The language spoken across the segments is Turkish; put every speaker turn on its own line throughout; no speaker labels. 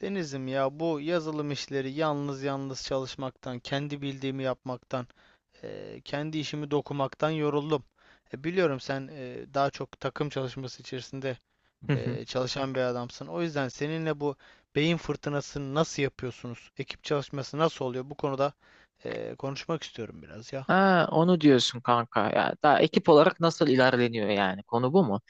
Denizim ya, bu yazılım işleri yalnız yalnız çalışmaktan, kendi bildiğimi yapmaktan, kendi işimi dokumaktan yoruldum. Biliyorum sen daha çok takım çalışması içerisinde
Hı hı.
çalışan bir adamsın. O yüzden seninle bu beyin fırtınasını nasıl yapıyorsunuz? Ekip çalışması nasıl oluyor? Bu konuda konuşmak istiyorum biraz ya.
Ha, onu diyorsun kanka. Ya daha ekip olarak nasıl ilerleniyor yani? Konu bu mu?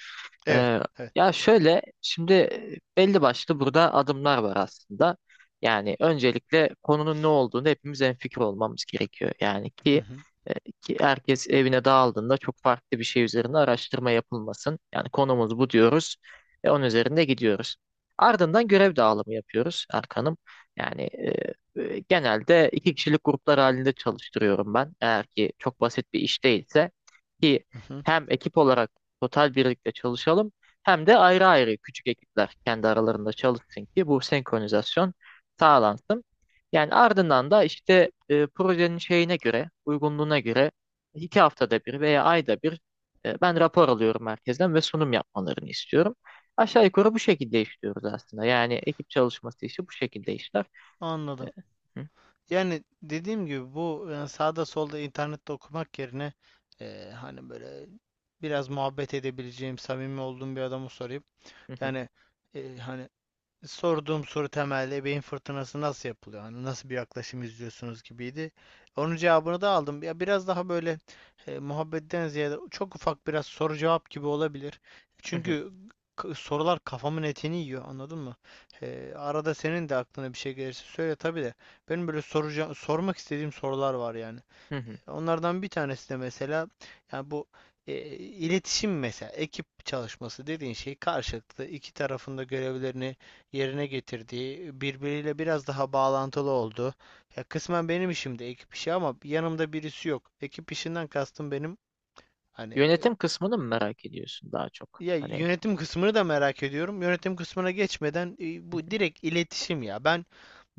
Evet,
Ee,
evet.
Ya şöyle şimdi belli başlı burada adımlar var aslında. Yani öncelikle konunun ne olduğunu hepimiz hemfikir olmamız gerekiyor. Yani
Hı hı,
e, ki herkes evine dağıldığında çok farklı bir şey üzerine araştırma yapılmasın. Yani konumuz bu diyoruz ve onun üzerinde gidiyoruz. Ardından görev dağılımı yapıyoruz Erkan'ım. Yani genelde 2 kişilik gruplar halinde çalıştırıyorum ben. Eğer ki çok basit bir iş değilse ki
hı hı.
hem ekip olarak total birlikte çalışalım hem de ayrı ayrı küçük ekipler kendi aralarında çalışsın ki bu senkronizasyon sağlansın. Yani ardından da işte projenin şeyine göre, uygunluğuna göre 2 haftada bir veya ayda bir ben rapor alıyorum merkezden ve sunum yapmalarını istiyorum. Aşağı yukarı bu şekilde işliyoruz aslında. Yani ekip çalışması işi bu şekilde işler. E,
Anladım.
hı,
Yani dediğim gibi bu sağda solda internette okumak yerine, hani böyle biraz muhabbet edebileceğim, samimi olduğum bir adamı sorayım.
hı, hı,
Yani, hani sorduğum soru temelde ebeveyn fırtınası nasıl yapılıyor? Hani nasıl bir yaklaşım izliyorsunuz gibiydi. Onun cevabını da aldım. Ya biraz daha böyle, muhabbetten ziyade çok ufak biraz soru cevap gibi olabilir.
hı,
Çünkü sorular kafamın etini yiyor, anladın mı? Arada senin de aklına bir şey gelirse söyle tabii de. Benim böyle sormak istediğim sorular var yani.
hı, hı.
Onlardan bir tanesi de mesela, yani bu iletişim, mesela ekip çalışması dediğin şey karşılıklı iki tarafında görevlerini yerine getirdiği, birbiriyle biraz daha bağlantılı olduğu. Ya kısmen benim işim de ekip işi ama yanımda birisi yok. Ekip işinden kastım benim, hani,
Yönetim kısmını mı merak ediyorsun daha çok?
ya
Hani
yönetim kısmını da merak ediyorum. Yönetim kısmına geçmeden bu
hı,
direkt iletişim ya. Ben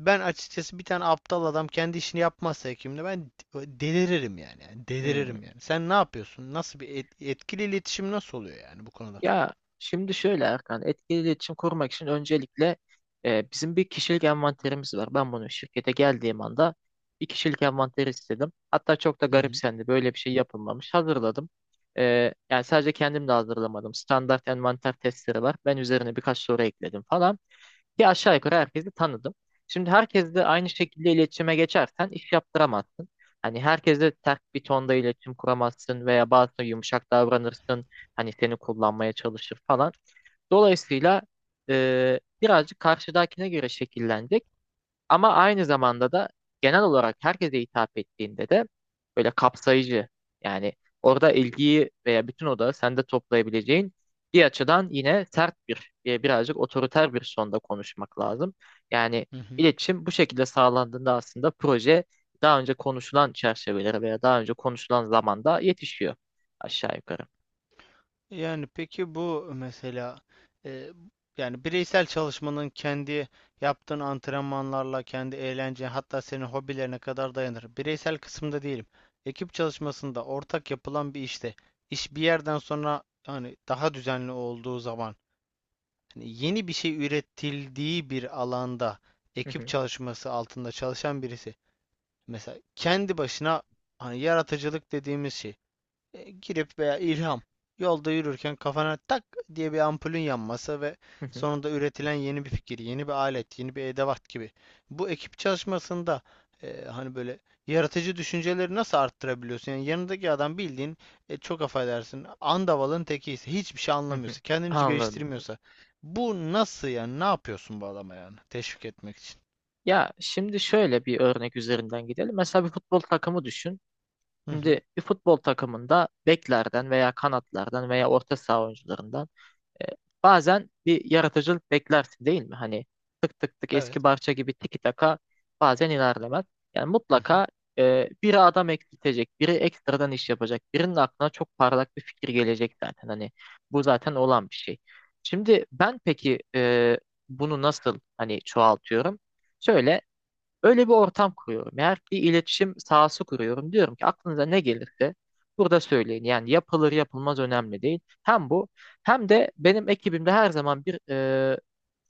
ben açıkçası bir tane aptal adam kendi işini yapmazsa hekimle ben deliririm yani. Yani
hı.
deliririm yani. Sen ne yapıyorsun? Nasıl bir etkili iletişim nasıl oluyor yani bu konuda?
Ya şimdi şöyle Erkan, etkili iletişim kurmak için öncelikle bizim bir kişilik envanterimiz var. Ben bunu şirkete geldiğim anda bir kişilik envanteri istedim. Hatta çok da
Hı hı.
garipsendi. Böyle bir şey yapılmamış. Hazırladım. Yani sadece kendim de hazırlamadım. Standart envanter testleri var. Ben üzerine birkaç soru ekledim falan. Ki aşağı yukarı herkesi tanıdım. Şimdi herkesle aynı şekilde iletişime geçersen iş yaptıramazsın. Hani herkesle ters bir tonda iletişim kuramazsın veya bazı yumuşak davranırsın. Hani seni kullanmaya çalışır falan. Dolayısıyla birazcık karşıdakine göre şekillenecek. Ama aynı zamanda da genel olarak herkese hitap ettiğinde de böyle kapsayıcı yani orada ilgiyi veya bütün odağı sende toplayabileceğin bir açıdan yine sert bir birazcık otoriter bir sonda konuşmak lazım. Yani
Hı hı.
iletişim bu şekilde sağlandığında aslında proje daha önce konuşulan çerçevelere veya daha önce konuşulan zamanda yetişiyor aşağı yukarı.
Yani peki bu mesela, e, yani bireysel çalışmanın kendi yaptığın antrenmanlarla, kendi eğlence, hatta senin hobilerine kadar dayanır. Bireysel kısımda değilim. Ekip çalışmasında ortak yapılan bir işte iş bir yerden sonra, hani daha düzenli olduğu zaman, hani yeni bir şey üretildiği bir alanda
Hı
ekip
hı,
çalışması altında çalışan birisi mesela kendi başına, hani yaratıcılık dediğimiz şey, girip veya ilham, yolda yürürken kafana tak diye bir ampulün yanması ve
hı hı,
sonunda üretilen yeni bir fikir, yeni bir alet, yeni bir edevat gibi. Bu ekip çalışmasında, hani böyle yaratıcı düşünceleri nasıl arttırabiliyorsun? Yani yanındaki adam bildiğin, çok affedersin andavalın tekiyse, hiçbir şey
hı hı.
anlamıyorsa, kendini hiç
Anladım.
geliştirmiyorsa bu nasıl yani? Ne yapıyorsun bu adama yani? Teşvik etmek için.
Ya şimdi şöyle bir örnek üzerinden gidelim. Mesela bir futbol takımı düşün.
Hı hı.
Şimdi bir futbol takımında beklerden veya kanatlardan veya orta saha oyuncularından e, bazen bir yaratıcılık beklersin değil mi? Hani tık tık tık eski
Evet.
Barça gibi tiki taka bazen ilerlemez. Yani
Hı hı.
mutlaka biri adam eksiltecek, biri ekstradan iş yapacak, birinin aklına çok parlak bir fikir gelecek zaten. Hani bu zaten olan bir şey. Şimdi ben peki bunu nasıl hani çoğaltıyorum? Şöyle Öyle bir ortam kuruyorum. Eğer bir iletişim sahası kuruyorum. Diyorum ki aklınıza ne gelirse burada söyleyin. Yani yapılır yapılmaz önemli değil. Hem bu hem de benim ekibimde her zaman bir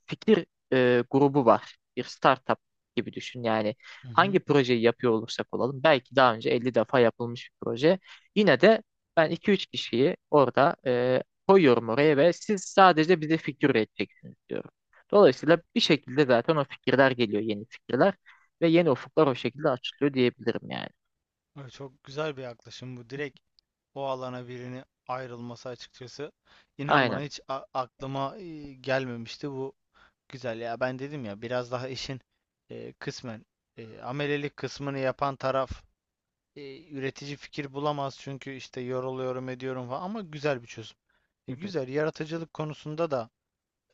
fikir grubu var. Bir startup gibi düşün. Yani
Hı
hangi
hı.
projeyi yapıyor olursak olalım belki daha önce 50 defa yapılmış bir proje. Yine de ben 2-3 kişiyi orada koyuyorum oraya ve siz sadece bize fikir üreteceksiniz diyorum. Dolayısıyla bir şekilde zaten o fikirler geliyor, yeni fikirler ve yeni ufuklar o şekilde açılıyor diyebilirim yani.
Ay, çok güzel bir yaklaşım bu. Direkt o alana birini ayrılması açıkçası. İnan bana
Aynen.
hiç aklıma gelmemişti bu. Güzel ya, ben dedim ya biraz daha işin kısmen amelelik kısmını yapan taraf üretici fikir bulamaz çünkü işte yoruluyorum ediyorum falan, ama güzel bir çözüm.
Hı hı,
Güzel, yaratıcılık konusunda da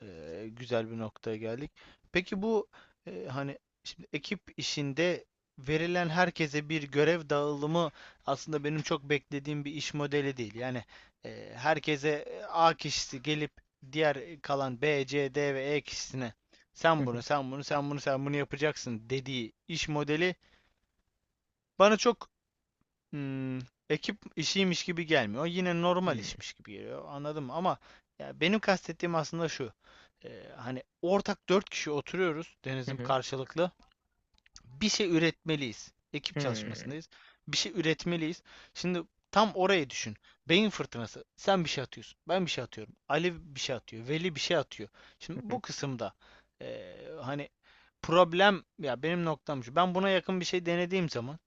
güzel bir noktaya geldik. Peki bu, hani, şimdi ekip işinde verilen herkese bir görev dağılımı aslında benim çok beklediğim bir iş modeli değil. Yani herkese, A kişisi gelip diğer kalan B, C, D ve E kişisine
hı
sen bunu,
hı,
sen bunu, sen bunu, sen bunu yapacaksın dediği iş modeli bana çok, Hmm, ekip işiymiş gibi gelmiyor. Yine normal işmiş gibi geliyor. Anladım ama ya benim kastettiğim aslında şu. Hani ortak dört kişi oturuyoruz
hı
denizim,
hı,
karşılıklı bir şey üretmeliyiz. Ekip
hı hı,
çalışmasındayız. Bir şey üretmeliyiz. Şimdi tam orayı düşün. Beyin fırtınası. Sen bir şey atıyorsun. Ben bir şey atıyorum. Ali bir şey atıyor. Veli bir şey atıyor. Şimdi
hı hı,
bu kısımda hani problem, ya benim noktam şu. Ben buna yakın bir şey denediğim zaman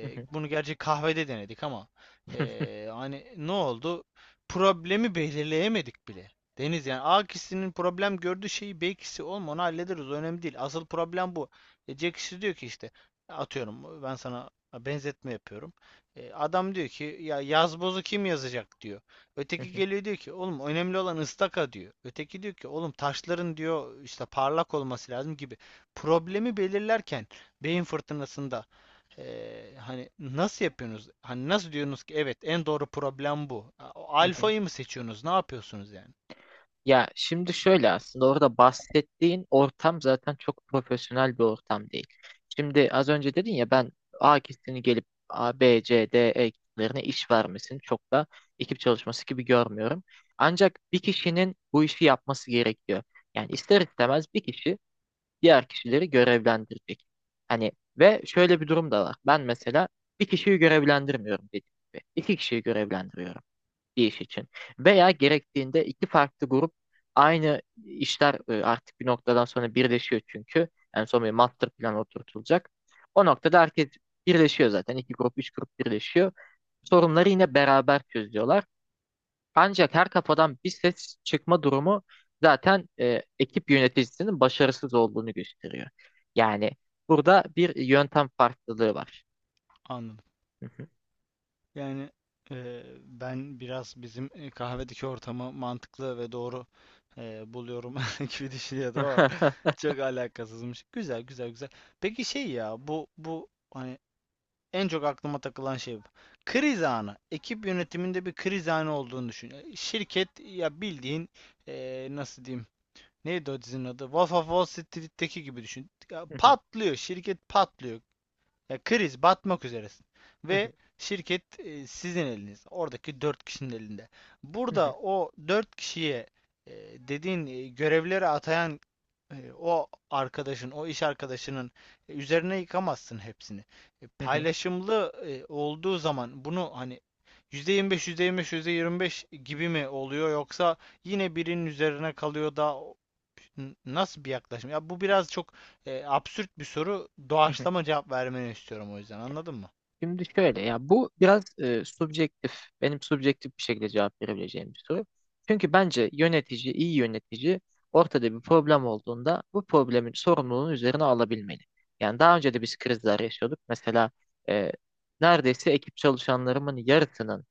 hı hı,
bunu gerçi kahvede denedik ama hani ne oldu? Problemi belirleyemedik bile. Deniz yani A kişisinin problem gördüğü şeyi B kişisi olma onu hallederiz. O önemli değil. Asıl problem bu. Jack işte diyor ki işte, atıyorum ben sana benzetme yapıyorum. Adam diyor ki ya yazbozu kim yazacak diyor.
hı hı,
Öteki
hı hı,
geliyor diyor ki oğlum önemli olan ıstaka diyor. Öteki diyor ki oğlum taşların diyor işte parlak olması lazım gibi. Problemi belirlerken beyin fırtınasında, hani nasıl yapıyorsunuz? Hani nasıl diyorsunuz ki evet en doğru problem bu.
hı hı.
Alfayı mı seçiyorsunuz? Ne yapıyorsunuz yani?
Ya şimdi şöyle aslında orada bahsettiğin ortam zaten çok profesyonel bir ortam değil. Şimdi az önce dedin ya ben A kişisini gelip A, B, C, D, E kişilerine iş vermesini çok da ekip çalışması gibi görmüyorum. Ancak bir kişinin bu işi yapması gerekiyor. Yani ister istemez bir kişi diğer kişileri görevlendirecek. Hani ve şöyle bir durum da var. Ben mesela bir kişiyi görevlendirmiyorum dediğim gibi. 2 kişiyi görevlendiriyorum bir iş için. Veya gerektiğinde 2 farklı grup aynı işler artık bir noktadan sonra birleşiyor çünkü. En son bir master plan oturtulacak. O noktada herkes birleşiyor zaten. 2 grup, 3 grup birleşiyor. Sorunları yine beraber çözüyorlar. Ancak her kafadan bir ses çıkma durumu zaten ekip yöneticisinin başarısız olduğunu gösteriyor. Yani burada bir yöntem farklılığı var.
Anladım. Yani ben biraz bizim kahvedeki ortamı mantıklı ve doğru buluyorum gibi düşünüyordum ama çok alakasızmış. Güzel, güzel, güzel. Peki şey, ya bu hani en çok aklıma takılan şey bu. Kriz anı. Ekip yönetiminde bir kriz anı olduğunu düşün. Şirket ya bildiğin nasıl diyeyim? Neydi o dizinin adı? Wolf of Wall Street'teki gibi düşün. Ya patlıyor. Şirket patlıyor. Ya kriz, batmak üzeresin. Ve şirket, sizin eliniz. Oradaki 4 kişinin elinde. Burada o 4 kişiye, e, dediğin, görevleri atayan, o arkadaşın, o iş arkadaşının üzerine yıkamazsın hepsini. Paylaşımlı olduğu zaman bunu hani %25, %25, %25 gibi mi oluyor yoksa yine birinin üzerine kalıyor da nasıl bir yaklaşım? Ya bu biraz çok absürt bir soru, doğaçlama cevap vermeni istiyorum o yüzden, anladın mı?
Şimdi şöyle ya bu biraz subjektif, benim subjektif bir şekilde cevap verebileceğim bir soru. Çünkü bence yönetici, iyi yönetici ortada bir problem olduğunda bu problemin sorumluluğunu üzerine alabilmeli. Yani daha önce de biz krizler yaşıyorduk. Mesela e, neredeyse ekip çalışanlarımın yarısının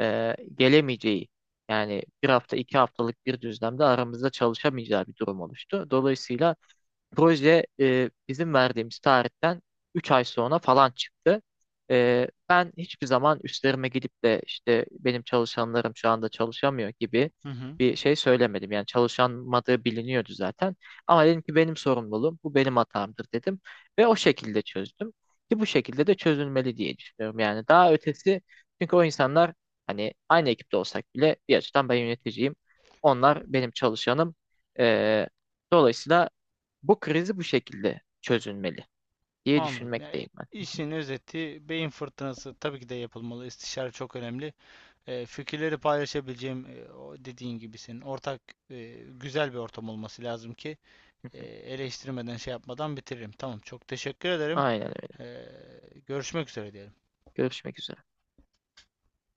gelemeyeceği yani 1 hafta 2 haftalık bir düzlemde aramızda çalışamayacağı bir durum oluştu. Dolayısıyla proje bizim verdiğimiz tarihten 3 ay sonra falan çıktı. Ben hiçbir zaman üstlerime gidip de işte benim çalışanlarım şu anda çalışamıyor gibi
Hı hı.
bir şey söylemedim. Yani çalışamadığı biliniyordu zaten. Ama dedim ki benim sorumluluğum, bu benim hatamdır dedim. Ve o şekilde çözdüm. Ki bu şekilde de çözülmeli diye düşünüyorum. Yani daha ötesi çünkü o insanlar hani aynı ekipte olsak bile bir açıdan ben yöneticiyim. Onlar benim çalışanım. E, Dolayısıyla bu krizi bu şekilde çözülmeli diye
Anladım. Yani
düşünmekteyim ben.
işin özeti beyin fırtınası tabii ki de yapılmalı. İstişare çok önemli. Fikirleri paylaşabileceğim o dediğin gibi senin ortak güzel bir ortam olması lazım ki eee, eleştirmeden şey yapmadan bitiririm. Tamam, çok teşekkür ederim.
Aynen öyle.
Görüşmek üzere diyelim.
Görüşmek üzere.